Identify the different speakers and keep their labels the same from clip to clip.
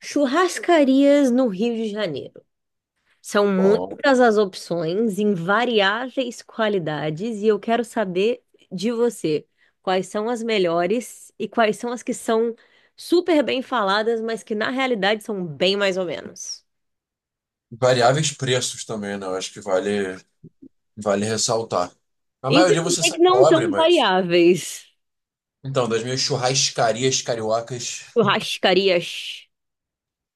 Speaker 1: Churrascarias no Rio de Janeiro. São
Speaker 2: Bom.
Speaker 1: muitas as opções em variáveis qualidades e eu quero saber de você quais são as melhores e quais são as que são super bem faladas, mas que na realidade são bem mais ou menos.
Speaker 2: Variáveis preços também, né? Eu acho que vale ressaltar. A maioria você
Speaker 1: Infelizmente
Speaker 2: sai
Speaker 1: não
Speaker 2: pobre,
Speaker 1: tão
Speaker 2: mas.
Speaker 1: variáveis.
Speaker 2: Então, das minhas churrascarias cariocas.
Speaker 1: Churrascarias.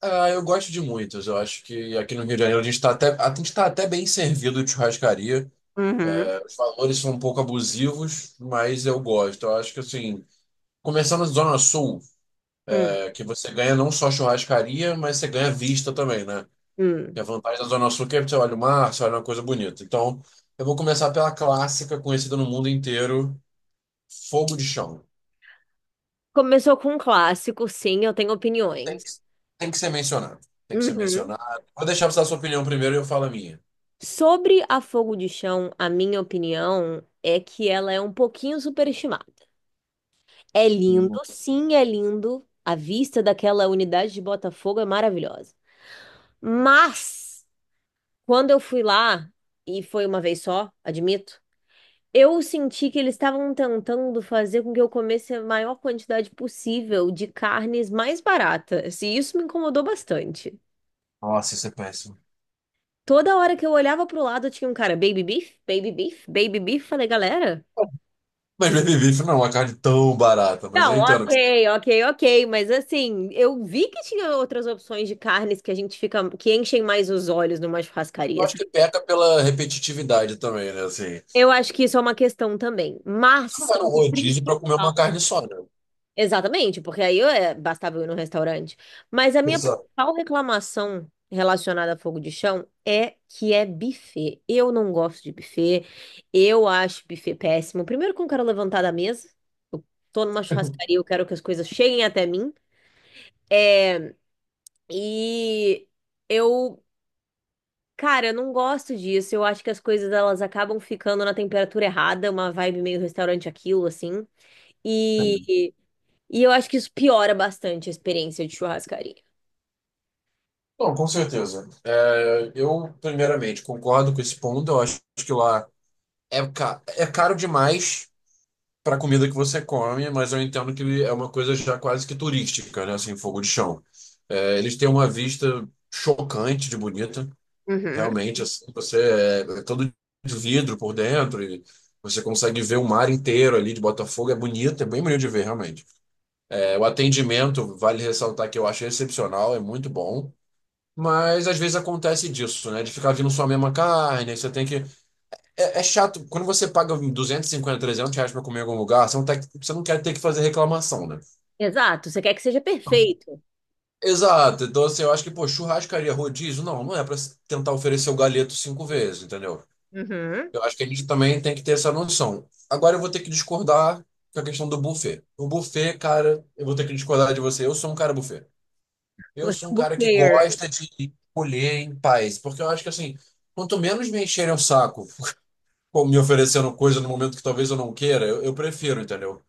Speaker 2: Ah, eu gosto de muitas. Eu acho que aqui no Rio de Janeiro a gente tá até bem servido de churrascaria.
Speaker 1: Uhum.
Speaker 2: É, os valores são um pouco abusivos, mas eu gosto. Eu acho que, assim, começando na Zona Sul,
Speaker 1: Hum,
Speaker 2: que você ganha não só churrascaria, mas você ganha vista também, né? E
Speaker 1: hum.
Speaker 2: a vantagem da Zona Sul é que é, você olha o mar, você olha uma coisa bonita. Então, eu vou começar pela clássica conhecida no mundo inteiro, Fogo de Chão.
Speaker 1: Começou com um clássico, sim, eu tenho
Speaker 2: Tem
Speaker 1: opiniões.
Speaker 2: que, tem que ser mencionado. Tem que ser
Speaker 1: Uhum.
Speaker 2: mencionado. Vou deixar você dar sua opinião primeiro e eu falo a minha.
Speaker 1: Sobre a Fogo de Chão, a minha opinião é que ela é um pouquinho superestimada. É lindo,
Speaker 2: Uhum.
Speaker 1: sim, é lindo. A vista daquela unidade de Botafogo é maravilhosa. Mas, quando eu fui lá, e foi uma vez só, admito, eu senti que eles estavam tentando fazer com que eu comesse a maior quantidade possível de carnes mais baratas. E isso me incomodou bastante.
Speaker 2: Nossa, isso é péssimo.
Speaker 1: Toda hora que eu olhava pro lado, tinha um cara, baby beef, baby beef, baby beef. Falei, galera.
Speaker 2: Mas baby beef não é uma carne tão barata, mas eu
Speaker 1: Não,
Speaker 2: entendo.
Speaker 1: ok, ok, ok, mas assim, eu vi que tinha outras opções de carnes que a gente fica, que enchem mais os olhos numa
Speaker 2: Eu
Speaker 1: churrascaria,
Speaker 2: acho
Speaker 1: sabe?
Speaker 2: que peca pela repetitividade também, né? Assim,
Speaker 1: Eu acho que isso é uma questão também,
Speaker 2: você não
Speaker 1: mas...
Speaker 2: vai no rodízio para comer uma carne só, né?
Speaker 1: Exatamente, porque aí eu, bastava eu ir no restaurante. Mas a minha
Speaker 2: Exato.
Speaker 1: principal reclamação relacionada a fogo de chão é que é buffet. Eu não gosto de buffet, eu acho buffet péssimo. Primeiro que eu não quero levantar da mesa, eu tô numa churrascaria, eu quero que as coisas cheguem até mim, e... Eu Cara, eu não gosto disso. Eu acho que as coisas elas acabam ficando na temperatura errada, uma vibe meio restaurante aquilo, assim.
Speaker 2: Sim.
Speaker 1: E, e eu acho que isso piora bastante a experiência de churrascaria.
Speaker 2: Bom, com certeza. Eu, primeiramente, concordo com esse ponto. Eu acho que lá é caro demais para a comida que você come, mas eu entendo que é uma coisa já quase que turística, né? Assim, Fogo de Chão. Eles têm uma vista chocante de bonita,
Speaker 1: Uhum.
Speaker 2: realmente. Assim, você é todo de vidro por dentro e você consegue ver o mar inteiro ali de Botafogo. É bonito, é bem bonito de ver, realmente. O atendimento, vale ressaltar que eu achei excepcional, é muito bom. Mas às vezes acontece disso, né? De ficar vindo só a mesma carne, aí você tem que é chato, quando você paga 250, 300 reais pra comer em algum lugar, você não, tá, você não quer ter que fazer reclamação, né?
Speaker 1: Exato, você quer que seja
Speaker 2: Não.
Speaker 1: perfeito.
Speaker 2: Exato, então assim, eu acho que, pô, churrascaria, rodízio, não é pra tentar oferecer o galeto cinco vezes, entendeu?
Speaker 1: Uhum.
Speaker 2: Eu acho que a gente também tem que ter essa noção. Agora eu vou ter que discordar com a questão do buffet. O buffet, cara, eu vou ter que discordar de você. Eu sou um cara buffet. Eu
Speaker 1: Você
Speaker 2: sou um
Speaker 1: é um
Speaker 2: cara que
Speaker 1: buffet.
Speaker 2: gosta de colher em paz, porque eu acho que assim, quanto menos me encherem o saco ou me oferecendo coisa no momento que talvez eu não queira, eu prefiro, entendeu?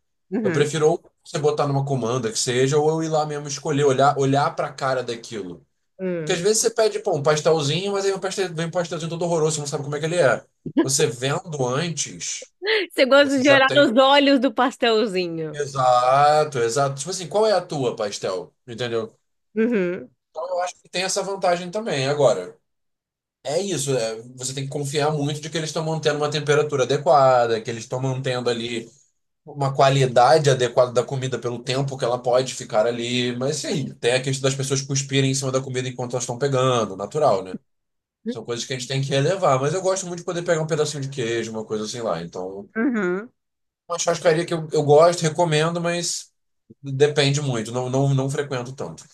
Speaker 2: Eu
Speaker 1: Uhum.
Speaker 2: prefiro ou você botar numa comanda que seja, ou eu ir lá mesmo escolher, olhar, olhar pra cara daquilo. Porque às
Speaker 1: Uhum.
Speaker 2: vezes você pede, pô, um pastelzinho, mas aí o pastel, vem um pastelzinho todo horroroso, você não sabe como é que ele é. Você vendo antes,
Speaker 1: Você gosta
Speaker 2: você
Speaker 1: de
Speaker 2: já
Speaker 1: olhar
Speaker 2: tem.
Speaker 1: nos olhos do pastelzinho.
Speaker 2: Exato, exato. Tipo assim, qual é a tua pastel? Entendeu?
Speaker 1: Uhum.
Speaker 2: Então eu acho que tem essa vantagem também. Agora, é isso, você tem que confiar muito de que eles estão mantendo uma temperatura adequada, que eles estão mantendo ali uma qualidade adequada da comida pelo tempo que ela pode ficar ali. Mas sim, tem a questão das pessoas cuspirem em cima da comida enquanto elas estão pegando, natural, né? São coisas que a gente tem que relevar. Mas eu gosto muito de poder pegar um pedacinho de queijo, uma coisa assim lá. Então,
Speaker 1: Uhum.
Speaker 2: uma churrascaria que eu gosto, recomendo, mas depende muito. Não, não, não frequento tanto.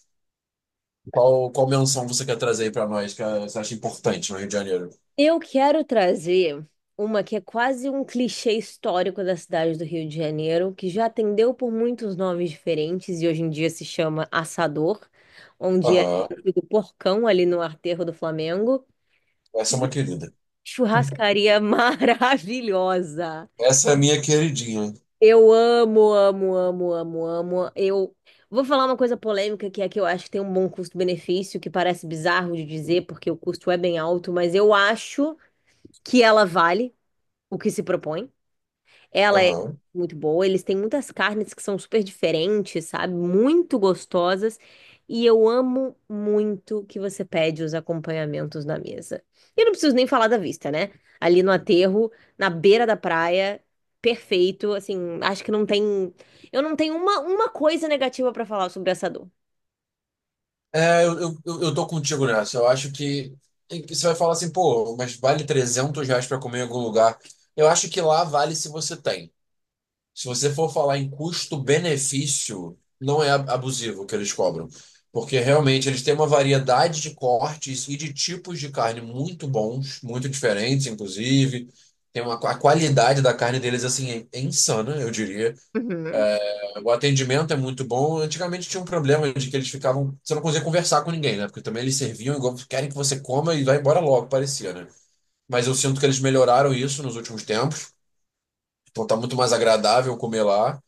Speaker 2: Qual menção você quer trazer aí pra nós que você acha importante no Rio de Janeiro?
Speaker 1: Eu quero trazer uma que é quase um clichê histórico da cidade do Rio de Janeiro, que já atendeu por muitos nomes diferentes e hoje em dia se chama Assador, onde era
Speaker 2: Aham.
Speaker 1: do Porcão ali no aterro do Flamengo.
Speaker 2: Essa é
Speaker 1: Que
Speaker 2: uma querida.
Speaker 1: churrascaria maravilhosa!
Speaker 2: Essa é a minha queridinha.
Speaker 1: Eu amo, amo, amo, amo, amo. Eu vou falar uma coisa polêmica que é que eu acho que tem um bom custo-benefício, que parece bizarro de dizer, porque o custo é bem alto, mas eu acho que ela vale o que se propõe. Ela é
Speaker 2: Aham.
Speaker 1: muito boa, eles têm muitas carnes que são super diferentes, sabe? Muito gostosas. E eu amo muito que você pede os acompanhamentos na mesa. E eu não preciso nem falar da vista, né? Ali no aterro, na beira da praia, perfeito. Assim, acho que não tem. Eu não tenho uma coisa negativa pra falar sobre essa dor.
Speaker 2: Eu tô contigo nessa. Eu acho que você vai falar assim, pô, mas vale R$ 300 para comer em algum lugar. Eu acho que lá vale se você tem. Se você for falar em custo-benefício, não é abusivo o que eles cobram. Porque realmente eles têm uma variedade de cortes e de tipos de carne muito bons, muito diferentes, inclusive. A qualidade da carne deles, assim, é insana, eu diria.
Speaker 1: Uhum.
Speaker 2: O atendimento é muito bom. Antigamente tinha um problema de que eles ficavam. Você não conseguia conversar com ninguém, né? Porque também eles serviam igual querem que você coma e vá embora logo, parecia, né? Mas eu sinto que eles melhoraram isso nos últimos tempos. Então tá muito mais agradável comer lá.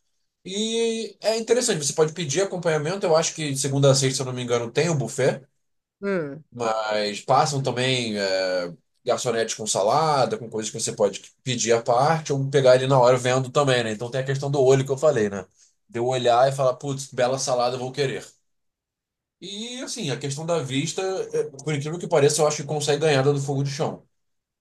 Speaker 2: E é interessante, você pode pedir acompanhamento. Eu acho que de segunda a sexta, se eu não me engano, tem o buffet.
Speaker 1: Hum.
Speaker 2: Mas passam também garçonetes com salada, com coisas que você pode pedir à parte ou pegar ele na hora vendo também, né? Então tem a questão do olho que eu falei, né? De eu olhar e falar, putz, que bela salada, eu vou querer. E assim, a questão da vista, por incrível que pareça, eu acho que consegue ganhar da do Fogo de Chão.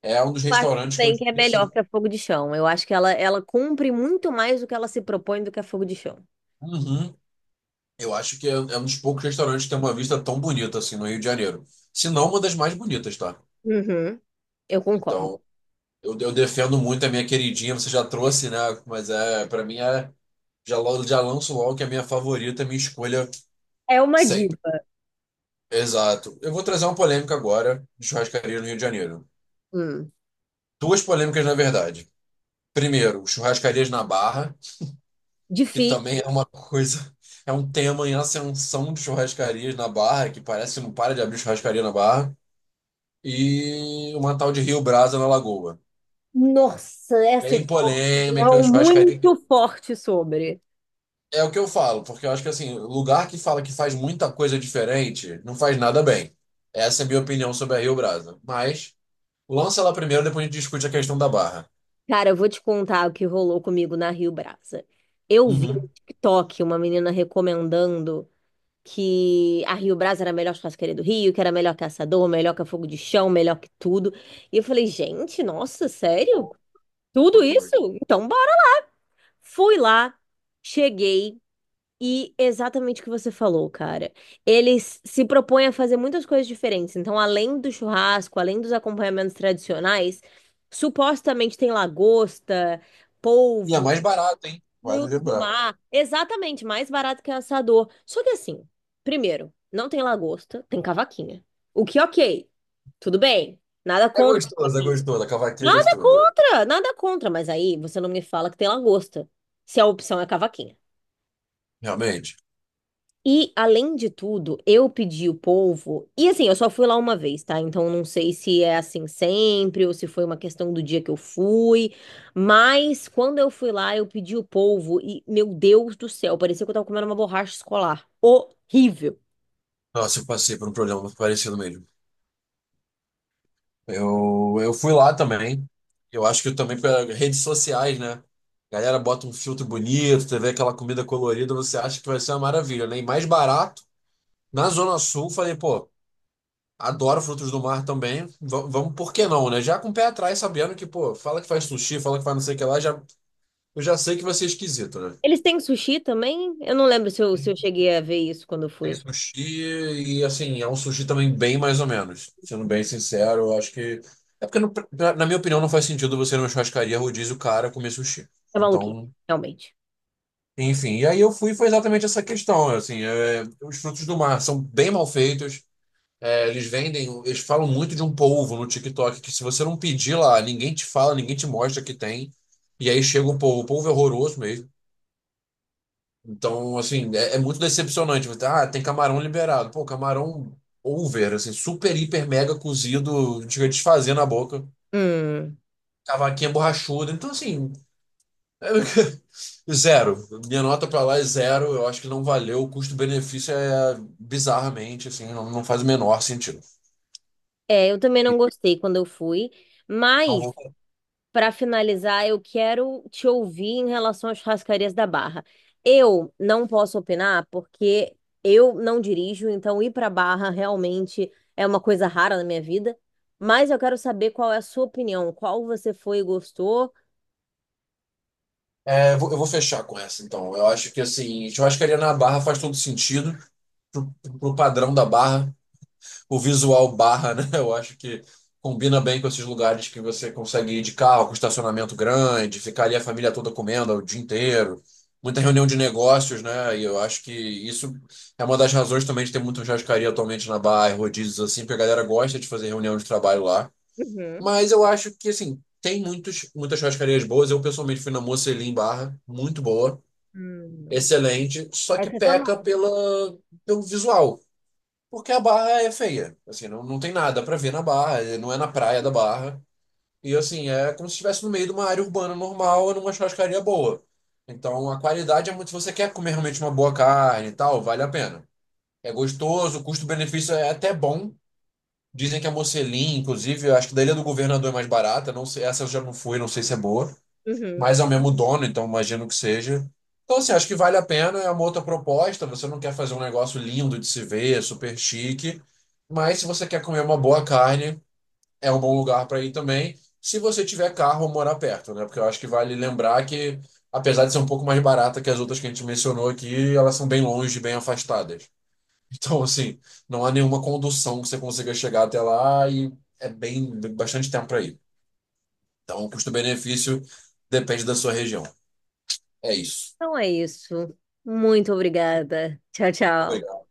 Speaker 2: É um dos
Speaker 1: Eu acho
Speaker 2: restaurantes que eu
Speaker 1: também que é
Speaker 2: diria assim,
Speaker 1: melhor que a fogo de chão. Eu acho que ela cumpre muito mais do que ela se propõe do que a fogo de chão.
Speaker 2: uhum, eu acho que é um dos poucos restaurantes que tem uma vista tão bonita assim no Rio de Janeiro. Se não, uma das mais bonitas, tá?
Speaker 1: Uhum. Eu concordo.
Speaker 2: Então, eu defendo muito a minha queridinha, você já trouxe, né? Mas para mim é já logo já lanço logo que é a minha favorita, minha escolha
Speaker 1: É uma
Speaker 2: sempre.
Speaker 1: diva.
Speaker 2: Exato. Eu vou trazer uma polêmica agora de churrascaria no Rio de Janeiro.
Speaker 1: Hum.
Speaker 2: Duas polêmicas, na verdade. Primeiro, churrascarias na Barra, que
Speaker 1: Difícil.
Speaker 2: também é um tema em ascensão de churrascarias na Barra, que parece que não para de abrir churrascaria na Barra, e uma tal de Rio Brasa na Lagoa.
Speaker 1: Nossa, essa eu
Speaker 2: Bem polêmica,
Speaker 1: não
Speaker 2: churrascaria.
Speaker 1: muito forte sobre.
Speaker 2: É o que eu falo, porque eu acho que assim, lugar que fala que faz muita coisa diferente, não faz nada bem. Essa é a minha opinião sobre a Rio Brasa. Mas lança ela primeiro, depois a gente discute a questão da Barra.
Speaker 1: Cara, eu vou te contar o que rolou comigo na Rio Brasa. Eu vi no
Speaker 2: Uhum.
Speaker 1: TikTok uma menina recomendando que a Rio Brasa era a melhor churrasqueira do Rio, que era melhor que Assador, melhor que a Fogo de Chão, melhor que tudo. E eu falei, gente, nossa, sério?
Speaker 2: Bom,
Speaker 1: Tudo
Speaker 2: bom demais.
Speaker 1: isso? Então bora. Fui lá, cheguei, e exatamente o que você falou, cara. Eles se propõem a fazer muitas coisas diferentes. Então, além do churrasco, além dos acompanhamentos tradicionais, supostamente tem lagosta,
Speaker 2: E é
Speaker 1: polvo,
Speaker 2: mais barato, hein? Vale
Speaker 1: frutos do
Speaker 2: lembrar.
Speaker 1: mar. Exatamente, mais barato que assador. Só que assim, primeiro, não tem lagosta, tem cavaquinha. O que, ok, tudo bem. Nada
Speaker 2: É
Speaker 1: contra.
Speaker 2: gostoso, é gostoso. A cavaquinha é
Speaker 1: Nada
Speaker 2: gostosa.
Speaker 1: contra, nada contra. Mas aí você não me fala que tem lagosta, se a opção é cavaquinha.
Speaker 2: Realmente.
Speaker 1: E, além de tudo, eu pedi o polvo. E assim, eu só fui lá uma vez, tá? Então, não sei se é assim sempre ou se foi uma questão do dia que eu fui. Mas, quando eu fui lá, eu pedi o polvo. E, meu Deus do céu, parecia que eu tava comendo uma borracha escolar. Horrível.
Speaker 2: Nossa, eu passei por um problema parecido mesmo. Eu fui lá também. Eu acho que eu também pelas redes sociais, né? Galera bota um filtro bonito, você vê aquela comida colorida, você acha que vai ser uma maravilha, né? E mais barato. Na Zona Sul, falei, pô, adoro frutos do mar também. Vamos, por que não, né? Já com o pé atrás, sabendo que, pô, fala que faz sushi, fala que faz não sei o que lá, eu já sei que vai ser esquisito, né?
Speaker 1: Eles têm sushi também? Eu não lembro se eu, se
Speaker 2: Tem
Speaker 1: eu cheguei a ver isso quando eu
Speaker 2: tem
Speaker 1: fui.
Speaker 2: sushi e, assim, é um sushi também bem mais ou menos. Sendo bem sincero, eu acho que. É porque, na minha opinião, não faz sentido você ir numa churrascaria rodízio cara comer sushi.
Speaker 1: É maluquinho,
Speaker 2: Então,
Speaker 1: realmente.
Speaker 2: enfim. E aí eu fui, foi exatamente essa questão, assim, os frutos do mar são bem mal feitos. Eles vendem, eles falam muito de um polvo no TikTok, que se você não pedir lá, ninguém te fala, ninguém te mostra que tem. E aí chega o polvo. O polvo é horroroso mesmo. Então, assim, é muito decepcionante. Ah, tem camarão liberado. Pô, camarão over, assim, super, hiper, mega cozido, chega desfazendo a boca.
Speaker 1: Hum.
Speaker 2: Cavaquinha borrachuda. Então, assim, zero. Minha nota pra lá é zero. Eu acho que não valeu. O custo-benefício é bizarramente, assim, não faz o menor sentido.
Speaker 1: É, eu também
Speaker 2: E
Speaker 1: não gostei quando eu fui.
Speaker 2: não
Speaker 1: Mas
Speaker 2: vou.
Speaker 1: para finalizar, eu quero te ouvir em relação às churrascarias da Barra. Eu não posso opinar porque eu não dirijo, então ir para Barra realmente é uma coisa rara na minha vida. Mas eu quero saber qual é a sua opinião, qual você foi e gostou.
Speaker 2: Eu vou fechar com essa, então. Eu acho que, assim, churrascaria na Barra faz todo sentido pro, pro padrão da Barra, o visual Barra, né? Eu acho que combina bem com esses lugares que você consegue ir de carro, com estacionamento grande, ficar ali a família toda comendo o dia inteiro. Muita reunião de negócios, né? E eu acho que isso é uma das razões também de ter muita churrascaria atualmente na Barra, e rodízios assim, porque a galera gosta de fazer reunião de trabalho lá.
Speaker 1: Uhum.
Speaker 2: Mas eu acho que, assim, tem muitas churrascarias boas. Eu, pessoalmente, fui na Mocelin Barra, muito boa,
Speaker 1: Hum.
Speaker 2: excelente, só que
Speaker 1: Essa é uma-
Speaker 2: peca pelo visual. Porque a Barra é feia. Assim, não tem nada pra ver na Barra, não é na praia da Barra. E assim, é como se estivesse no meio de uma área urbana normal, numa churrascaria boa. Então a qualidade é muito. Se você quer comer realmente uma boa carne e tal, vale a pena. É gostoso, o custo-benefício é até bom. Dizem que a Mocelin, inclusive, eu acho que da Ilha do Governador é mais barata. Não sei, essa eu já não fui, não sei se é boa,
Speaker 1: Uhum.
Speaker 2: mas é o mesmo dono, então imagino que seja. Então, assim, acho que vale a pena, é uma outra proposta. Você não quer fazer um negócio lindo de se ver, super chique, mas se você quer comer uma boa carne, é um bom lugar para ir também, se você tiver carro ou morar perto, né? Porque eu acho que vale lembrar que, apesar de ser um pouco mais barata que as outras que a gente mencionou aqui, elas são bem longe, bem afastadas. Então, assim, não há nenhuma condução que você consiga chegar até lá e é bem bastante tempo para ir. Então, o custo-benefício depende da sua região. É isso.
Speaker 1: Então é isso. Muito obrigada. Tchau, tchau.
Speaker 2: Obrigado.